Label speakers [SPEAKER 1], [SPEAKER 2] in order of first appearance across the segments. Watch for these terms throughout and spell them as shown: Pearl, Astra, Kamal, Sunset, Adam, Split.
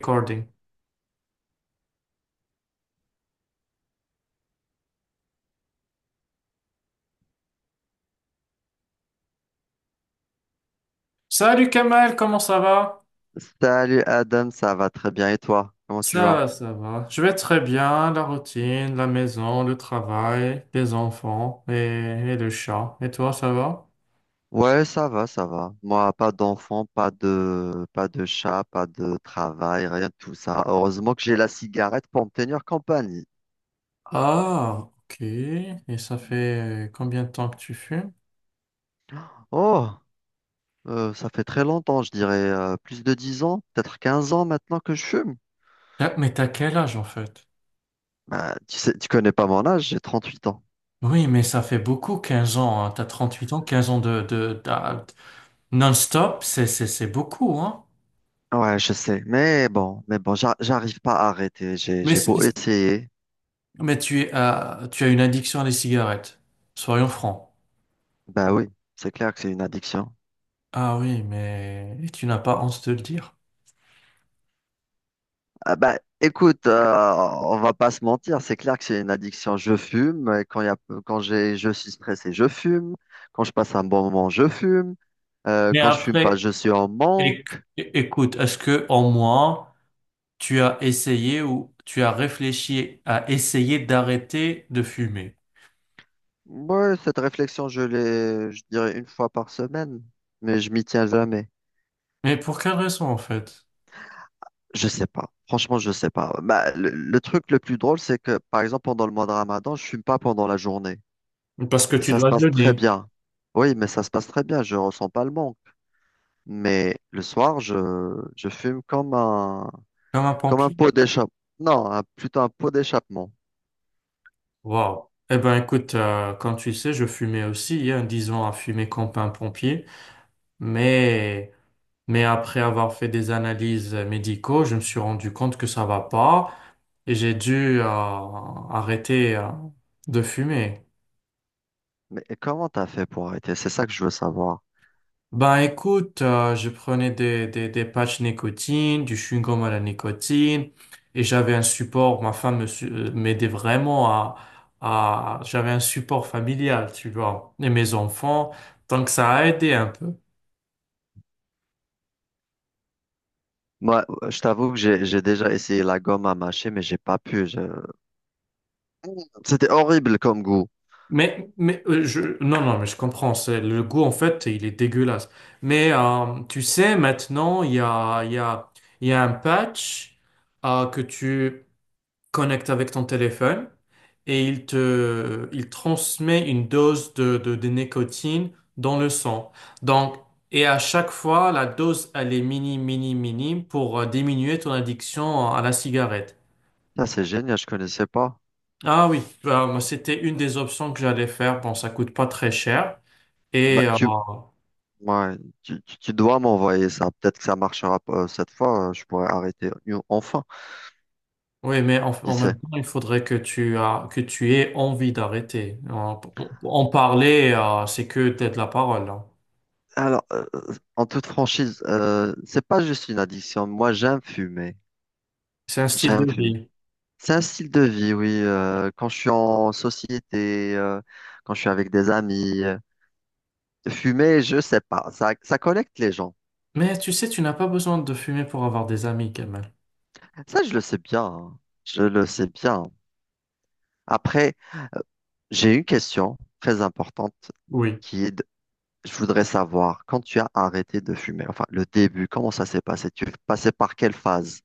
[SPEAKER 1] Recording. Salut Kamal, comment ça va?
[SPEAKER 2] Salut Adam, ça va très bien et toi? Comment tu
[SPEAKER 1] Ça
[SPEAKER 2] vas?
[SPEAKER 1] va, ça va. Je vais très bien. La routine, la maison, le travail, les enfants et le chat. Et toi, ça va?
[SPEAKER 2] Ouais, ça va, ça va. Moi, pas d'enfant, pas de, pas de chat, pas de travail, rien de tout ça. Heureusement que j'ai la cigarette pour me tenir compagnie.
[SPEAKER 1] Ah, ok. Et ça fait combien de temps que tu fumes?
[SPEAKER 2] Oh, ça fait très longtemps, je dirais plus de 10 ans, peut-être 15 ans maintenant que je fume.
[SPEAKER 1] Ah, mais t'as quel âge en fait?
[SPEAKER 2] Bah, tu sais, tu connais pas mon âge, j'ai 38 ans.
[SPEAKER 1] Oui, mais ça fait beaucoup, 15 ans, hein. T'as 8 ans, 15 ans non-stop, c'est beaucoup, hein?
[SPEAKER 2] Ouais, je sais. Mais bon, j'arrive pas à arrêter.
[SPEAKER 1] Mais,
[SPEAKER 2] J'ai beau
[SPEAKER 1] c'est-
[SPEAKER 2] essayer.
[SPEAKER 1] mais tu es, tu as une addiction à les cigarettes. Soyons francs.
[SPEAKER 2] Bah oui, c'est clair que c'est une addiction.
[SPEAKER 1] Ah oui, mais tu n'as pas honte de le dire.
[SPEAKER 2] Ah bah, écoute, on va pas se mentir, c'est clair que c'est une addiction. Je fume, et quand il y a, quand je suis stressé, je fume. Quand je passe un bon moment, je fume.
[SPEAKER 1] Mais
[SPEAKER 2] Quand je fume pas,
[SPEAKER 1] après,
[SPEAKER 2] je suis en
[SPEAKER 1] éc-
[SPEAKER 2] manque.
[SPEAKER 1] écoute, est-ce que en moi, tu as essayé ou tu as réfléchi à essayer d'arrêter de fumer?
[SPEAKER 2] Ouais, cette réflexion, je l'ai, je dirais une fois par semaine, mais je m'y tiens jamais.
[SPEAKER 1] Mais pour quelle raison en fait?
[SPEAKER 2] Je sais pas. Franchement, je sais pas. Bah, le truc le plus drôle, c'est que, par exemple, pendant le mois de Ramadan, je fume pas pendant la journée.
[SPEAKER 1] Parce que
[SPEAKER 2] Et
[SPEAKER 1] tu
[SPEAKER 2] ça se
[SPEAKER 1] dois
[SPEAKER 2] passe très
[SPEAKER 1] jeûner,
[SPEAKER 2] bien. Oui, mais ça se passe très bien. Je ressens pas le manque. Mais le soir, je fume
[SPEAKER 1] comme un
[SPEAKER 2] comme un
[SPEAKER 1] pompier.
[SPEAKER 2] pot d'échappement. Non, plutôt un pot d'échappement.
[SPEAKER 1] Waouh. Eh ben écoute, comme tu sais, je fumais aussi, hein, disons à fumer comme un pompier, mais mais après avoir fait des analyses médicaux, je me suis rendu compte que ça va pas. Et j'ai dû arrêter de fumer.
[SPEAKER 2] Mais comment t'as fait pour arrêter? C'est ça que je veux savoir.
[SPEAKER 1] Ben écoute, je prenais des patchs nicotine, du chewing-gum à la nicotine, et j'avais un support, ma femme m'aidait vraiment à j'avais un support familial, tu vois, et mes enfants, donc ça a aidé un peu.
[SPEAKER 2] Moi, je t'avoue que j'ai déjà essayé la gomme à mâcher, mais j'ai pas pu. C'était horrible comme goût.
[SPEAKER 1] Non, non, mais je comprends, c'est, le goût en fait, il est dégueulasse. Mais tu sais, maintenant, il y a un patch que tu connecte avec ton téléphone et il transmet une dose de nicotine dans le sang. Donc, et à chaque fois, la dose, elle est minime, minime, minime pour diminuer ton addiction à la cigarette.
[SPEAKER 2] Ça, c'est génial, je connaissais pas.
[SPEAKER 1] Ah oui, bah, moi, c'était une des options que j'allais faire. Bon, ça coûte pas très cher.
[SPEAKER 2] Bah,
[SPEAKER 1] Et
[SPEAKER 2] tu, ouais, tu dois m'envoyer ça. Peut-être que ça marchera pas cette fois. Je pourrais arrêter enfin.
[SPEAKER 1] oui, mais en,
[SPEAKER 2] Qui
[SPEAKER 1] en même
[SPEAKER 2] sait?
[SPEAKER 1] temps, il faudrait que tu as, que tu aies envie d'arrêter. En, en parler, c'est que t'as de la parole, hein.
[SPEAKER 2] Alors, en toute franchise, c'est pas juste une addiction. Moi, j'aime fumer.
[SPEAKER 1] C'est un style de
[SPEAKER 2] J'aime fumer.
[SPEAKER 1] vie.
[SPEAKER 2] C'est un style de vie, oui. Quand je suis en société, quand je suis avec des amis, fumer, je sais pas. Ça connecte les gens.
[SPEAKER 1] Mais tu sais, tu n'as pas besoin de fumer pour avoir des amis, Kamel.
[SPEAKER 2] Ça, je le sais bien, hein. Je le sais bien. Après, j'ai une question très importante
[SPEAKER 1] Oui.
[SPEAKER 2] qui est, je voudrais savoir, quand tu as arrêté de fumer, enfin, le début, comment ça s'est passé? Tu es passé par quelle phase?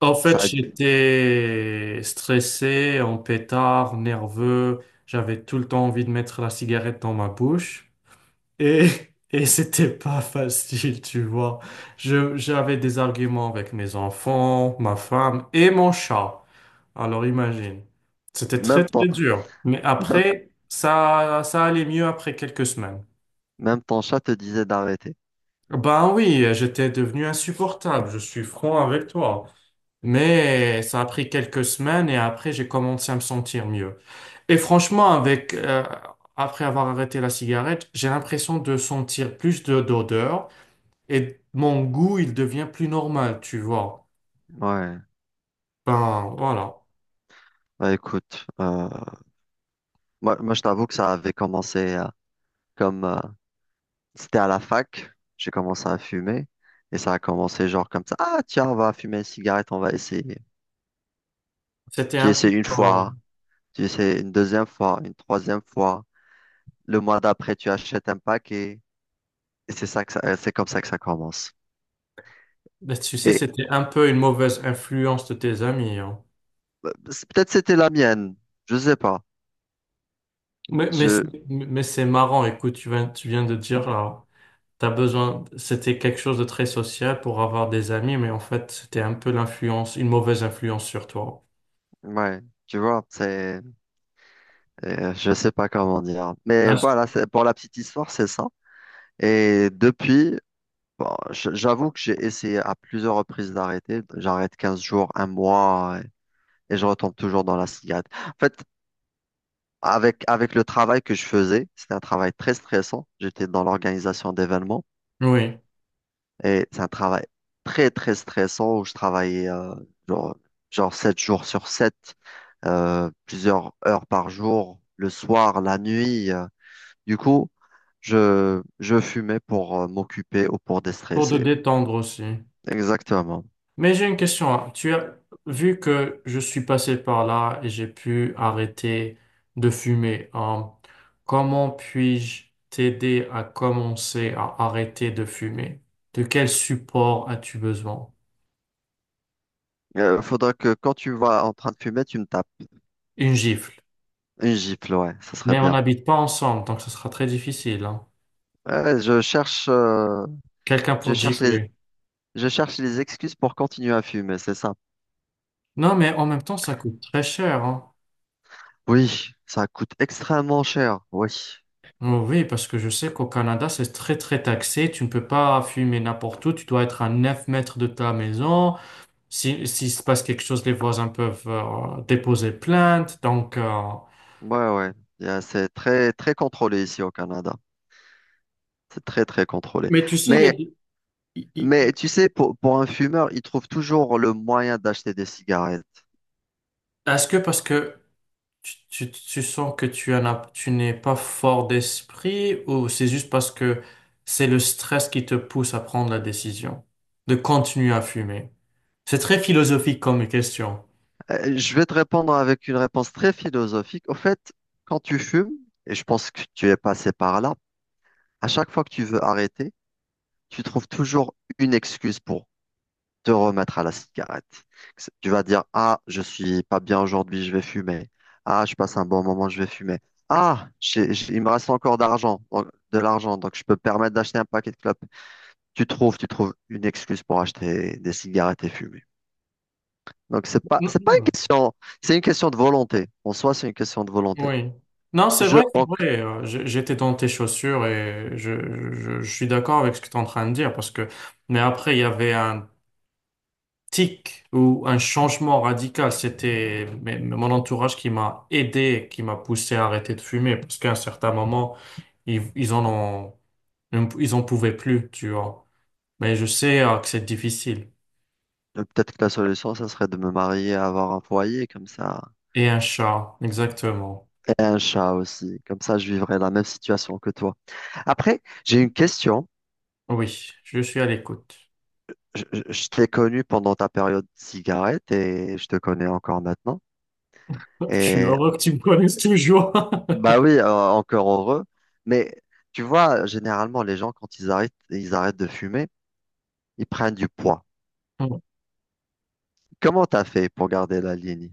[SPEAKER 1] En fait,
[SPEAKER 2] Ça, a-
[SPEAKER 1] j'étais stressé, en pétard, nerveux. J'avais tout le temps envie de mettre la cigarette dans ma bouche. Et et c'était pas facile, tu vois. J'avais des arguments avec mes enfants, ma femme et mon chat. Alors imagine. C'était très,
[SPEAKER 2] même
[SPEAKER 1] très
[SPEAKER 2] temps.
[SPEAKER 1] dur. Mais après, ça allait mieux après quelques semaines.
[SPEAKER 2] Même ton chat te disait d'arrêter.
[SPEAKER 1] Ben oui, j'étais devenu insupportable, je suis franc avec toi. Mais ça a pris quelques semaines et après j'ai commencé à me sentir mieux. Et franchement, avec après avoir arrêté la cigarette, j'ai l'impression de sentir plus de d'odeur et mon goût, il devient plus normal, tu vois.
[SPEAKER 2] Ouais,
[SPEAKER 1] Ben voilà.
[SPEAKER 2] bah écoute, moi, je t'avoue que ça avait commencé comme c'était à la fac, j'ai commencé à fumer et ça a commencé genre comme ça. Ah tiens, on va fumer une cigarette, on va essayer.
[SPEAKER 1] C'était
[SPEAKER 2] Tu
[SPEAKER 1] un peu,
[SPEAKER 2] essaies une fois, tu essaies une deuxième fois, une troisième fois. Le mois d'après, tu achètes un paquet et c'est comme ça que ça commence.
[SPEAKER 1] tu sais,
[SPEAKER 2] Et
[SPEAKER 1] c'était un peu une mauvaise influence de tes amis, hein.
[SPEAKER 2] peut-être c'était la mienne, je sais pas.
[SPEAKER 1] Mais, mais
[SPEAKER 2] Je,
[SPEAKER 1] c'est mais c'est marrant, écoute, tu viens de dire là. T'as besoin, c'était quelque chose de très social pour avoir des amis, mais en fait, c'était un peu l'influence, une mauvaise influence sur toi.
[SPEAKER 2] ouais, tu vois, c'est. Je sais pas comment dire. Mais
[SPEAKER 1] Ah, c-
[SPEAKER 2] voilà, pour la petite histoire, c'est ça. Et depuis, bon, j'avoue que j'ai essayé à plusieurs reprises d'arrêter. J'arrête 15 jours, un mois, et je retombe toujours dans la cigarette. En fait, avec le travail que je faisais, c'était un travail très stressant. J'étais dans l'organisation d'événements
[SPEAKER 1] Oui,
[SPEAKER 2] et c'est un travail très, très stressant où je travaillais genre, genre 7 jours sur 7 plusieurs heures par jour, le soir, la nuit. Du coup, je fumais pour m'occuper ou pour
[SPEAKER 1] pour te
[SPEAKER 2] déstresser.
[SPEAKER 1] détendre aussi.
[SPEAKER 2] Exactement.
[SPEAKER 1] Mais j'ai une question, hein. Tu as vu que je suis passé par là et j'ai pu arrêter de fumer, hein. Comment puis-je t'aider à commencer à arrêter de fumer? De quel support as-tu besoin?
[SPEAKER 2] Faudra que quand tu vas en train de fumer, tu me tapes
[SPEAKER 1] Une gifle.
[SPEAKER 2] une gifle, ouais, ça serait
[SPEAKER 1] Mais on
[SPEAKER 2] bien.
[SPEAKER 1] n'habite pas ensemble, donc ce sera très difficile, hein.
[SPEAKER 2] Ouais, je cherche, euh,
[SPEAKER 1] Quelqu'un
[SPEAKER 2] je
[SPEAKER 1] pour te
[SPEAKER 2] cherche les,
[SPEAKER 1] gifler.
[SPEAKER 2] je cherche les excuses pour continuer à fumer, c'est ça.
[SPEAKER 1] Non, mais en même temps, ça coûte très cher, hein.
[SPEAKER 2] Oui, ça coûte extrêmement cher. Oui,
[SPEAKER 1] Oh oui, parce que je sais qu'au Canada, c'est très, très taxé. Tu ne peux pas fumer n'importe où. Tu dois être à 9 mètres de ta maison. Si, s'il se passe quelque chose, les voisins peuvent déposer plainte. Donc,
[SPEAKER 2] ouais, ouais. C'est très, très contrôlé ici au Canada. C'est très, très contrôlé.
[SPEAKER 1] mais tu sais, il y a
[SPEAKER 2] Mais,
[SPEAKER 1] des-
[SPEAKER 2] mais
[SPEAKER 1] il-
[SPEAKER 2] tu sais, pour un fumeur, il trouve toujours le moyen d'acheter des cigarettes.
[SPEAKER 1] est-ce que parce que tu sens que tu n'es pas fort d'esprit ou c'est juste parce que c'est le stress qui te pousse à prendre la décision de continuer à fumer? C'est très philosophique comme question.
[SPEAKER 2] Je vais te répondre avec une réponse très philosophique. Au fait, quand tu fumes, et je pense que tu es passé par là, à chaque fois que tu veux arrêter, tu trouves toujours une excuse pour te remettre à la cigarette. Tu vas dire, ah, je suis pas bien aujourd'hui, je vais fumer. Ah, je passe un bon moment, je vais fumer. Ah, il me reste encore de l'argent, donc je peux me permettre d'acheter un paquet de clopes. Tu trouves une excuse pour acheter des cigarettes et fumer. Donc,
[SPEAKER 1] Mm,
[SPEAKER 2] c'est pas une
[SPEAKER 1] mm.
[SPEAKER 2] question, c'est une question de volonté. En soi, c'est une question de volonté.
[SPEAKER 1] Oui. Non, c'est
[SPEAKER 2] Je
[SPEAKER 1] vrai, c'est
[SPEAKER 2] pense que
[SPEAKER 1] vrai. J'étais dans tes chaussures et je suis d'accord avec ce que tu es en train de dire parce que, mais après, il y avait un tic ou un changement radical. Mais mon entourage qui m'a aidé, qui m'a poussé à arrêter de fumer parce qu'à un certain moment, ils en ont, ils en pouvaient plus, tu vois. Mais je sais, que c'est difficile.
[SPEAKER 2] peut-être que la solution, ça serait de me marier, avoir un foyer comme ça,
[SPEAKER 1] Et un chat, exactement.
[SPEAKER 2] et un chat aussi. Comme ça, je vivrais la même situation que toi. Après, j'ai une question.
[SPEAKER 1] Oui, je suis à l'écoute.
[SPEAKER 2] Je t'ai connu pendant ta période de cigarette et je te connais encore maintenant.
[SPEAKER 1] Je suis
[SPEAKER 2] Et
[SPEAKER 1] heureux que tu me connaisses toujours.
[SPEAKER 2] bah oui, encore heureux. Mais tu vois, généralement, les gens, quand ils arrêtent de fumer, ils prennent du poids. Comment t'as fait pour garder la ligne?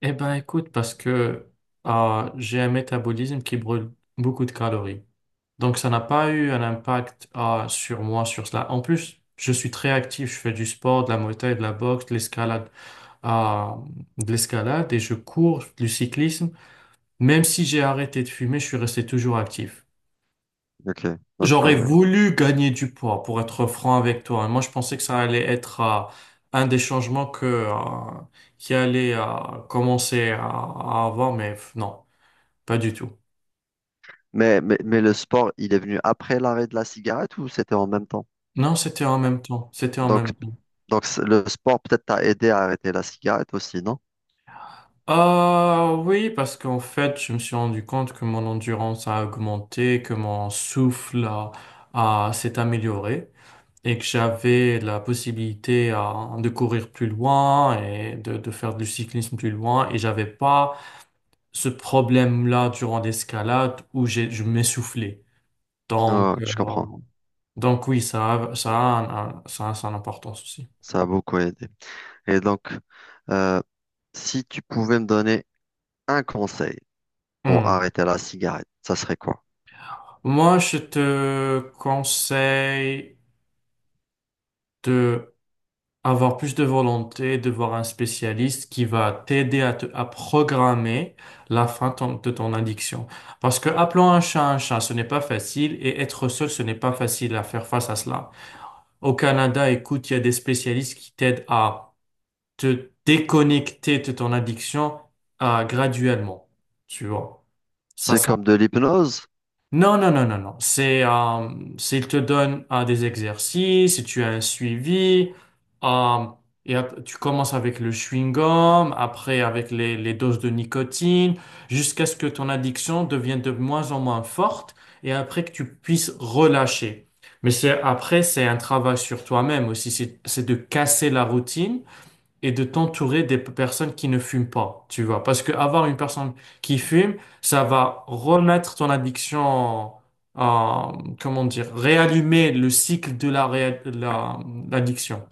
[SPEAKER 1] Eh ben, écoute, parce que j'ai un métabolisme qui brûle beaucoup de calories. Donc, ça n'a pas eu un impact sur moi, sur cela. En plus, je suis très actif. Je fais du sport, de la Muay Thai, de la boxe, de l'escalade, euh, et je cours, du cyclisme. Même si j'ai arrêté de fumer, je suis resté toujours actif.
[SPEAKER 2] Ok. Donc,
[SPEAKER 1] J'aurais voulu gagner du poids, pour être franc avec toi, hein. Moi, je pensais que ça allait être un des changements qui allait commencer à avoir, mais non. Pas du tout.
[SPEAKER 2] mais le sport, il est venu après l'arrêt de la cigarette ou c'était en même temps?
[SPEAKER 1] Non, c'était en même temps. C'était en
[SPEAKER 2] Donc,
[SPEAKER 1] même temps.
[SPEAKER 2] le sport peut-être t'a aidé à arrêter la cigarette aussi, non?
[SPEAKER 1] Ah oui, parce qu'en fait, je me suis rendu compte que mon endurance a augmenté, que mon souffle a, s'est amélioré et que j'avais la possibilité de courir plus loin et de faire du cyclisme plus loin et j'avais pas ce problème-là durant l'escalade où je m'essoufflais. Donc,
[SPEAKER 2] Ouais,
[SPEAKER 1] euh,
[SPEAKER 2] je comprends.
[SPEAKER 1] donc oui, ça a ça a son importance aussi.
[SPEAKER 2] Ça a beaucoup aidé. Et donc, euh, si tu pouvais me donner un conseil pour
[SPEAKER 1] Hmm.
[SPEAKER 2] arrêter la cigarette, ça serait quoi?
[SPEAKER 1] Moi, je te conseille de avoir plus de volonté, de voir un spécialiste qui va t'aider à, à programmer la fin de ton addiction. Parce que appelant un chat, ce n'est pas facile et être seul, ce n'est pas facile à faire face à cela. Au Canada, écoute, il y a des spécialistes qui t'aident à te déconnecter de ton addiction, graduellement. Tu vois. Ça,
[SPEAKER 2] C'est comme de l'hypnose?
[SPEAKER 1] non, non, non, non, non. C'est, il te donne des exercices, et tu as un suivi, euh, tu commences avec le chewing-gum, après avec les doses de nicotine, jusqu'à ce que ton addiction devienne de moins en moins forte, et après que tu puisses relâcher. Mais c'est, après, c'est un travail sur toi-même aussi, c'est de casser la routine et de t'entourer des personnes qui ne fument pas, tu vois. Parce que avoir une personne qui fume, ça va remettre ton addiction, en- comment dire, réallumer le cycle de la, l'addiction.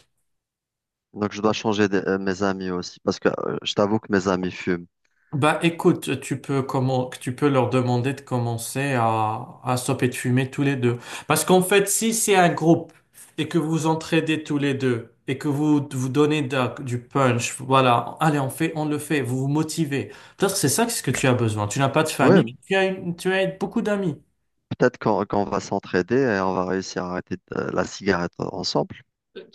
[SPEAKER 2] Donc, je dois changer mes amis aussi, parce que je t'avoue que mes amis fument.
[SPEAKER 1] Bah écoute, tu peux comment tu peux leur demander de commencer à stopper de fumer tous les deux. Parce qu'en fait, si c'est un groupe et que vous entraidez tous les deux et que vous vous donnez du punch, voilà, allez, on le fait, vous vous motivez. Peut-être que c'est ça que ce que tu as besoin. Tu n'as pas de famille, mais
[SPEAKER 2] Oui,
[SPEAKER 1] tu as beaucoup d'amis.
[SPEAKER 2] peut-être qu'on va s'entraider et on va réussir à arrêter la cigarette ensemble.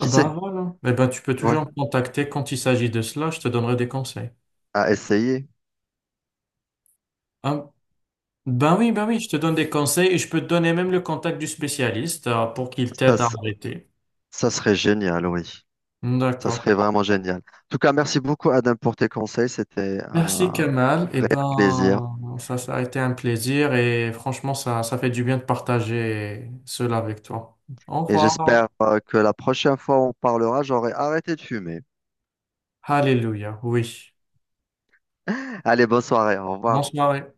[SPEAKER 1] Ah ben
[SPEAKER 2] sait?
[SPEAKER 1] voilà. Eh ben tu peux
[SPEAKER 2] Ouais,
[SPEAKER 1] toujours me contacter quand il s'agit de cela, je te donnerai des conseils.
[SPEAKER 2] à essayer.
[SPEAKER 1] Ah, ben oui, je te donne des conseils et je peux te donner même le contact du spécialiste pour qu'il
[SPEAKER 2] Ça,
[SPEAKER 1] t'aide à
[SPEAKER 2] s-
[SPEAKER 1] arrêter.
[SPEAKER 2] ça serait génial, oui. Ça
[SPEAKER 1] D'accord.
[SPEAKER 2] serait vraiment génial. En tout cas, merci beaucoup, Adam, pour tes conseils. C'était
[SPEAKER 1] Merci
[SPEAKER 2] un
[SPEAKER 1] Kamal. Eh
[SPEAKER 2] réel plaisir.
[SPEAKER 1] ben, ça a été un plaisir et franchement, ça fait du bien de partager cela avec toi. Au
[SPEAKER 2] Et
[SPEAKER 1] revoir.
[SPEAKER 2] j'espère que la prochaine fois où on parlera, j'aurai arrêté de fumer.
[SPEAKER 1] Alléluia. Oui.
[SPEAKER 2] Allez, bonne soirée. Au
[SPEAKER 1] Bonne
[SPEAKER 2] revoir.
[SPEAKER 1] soirée.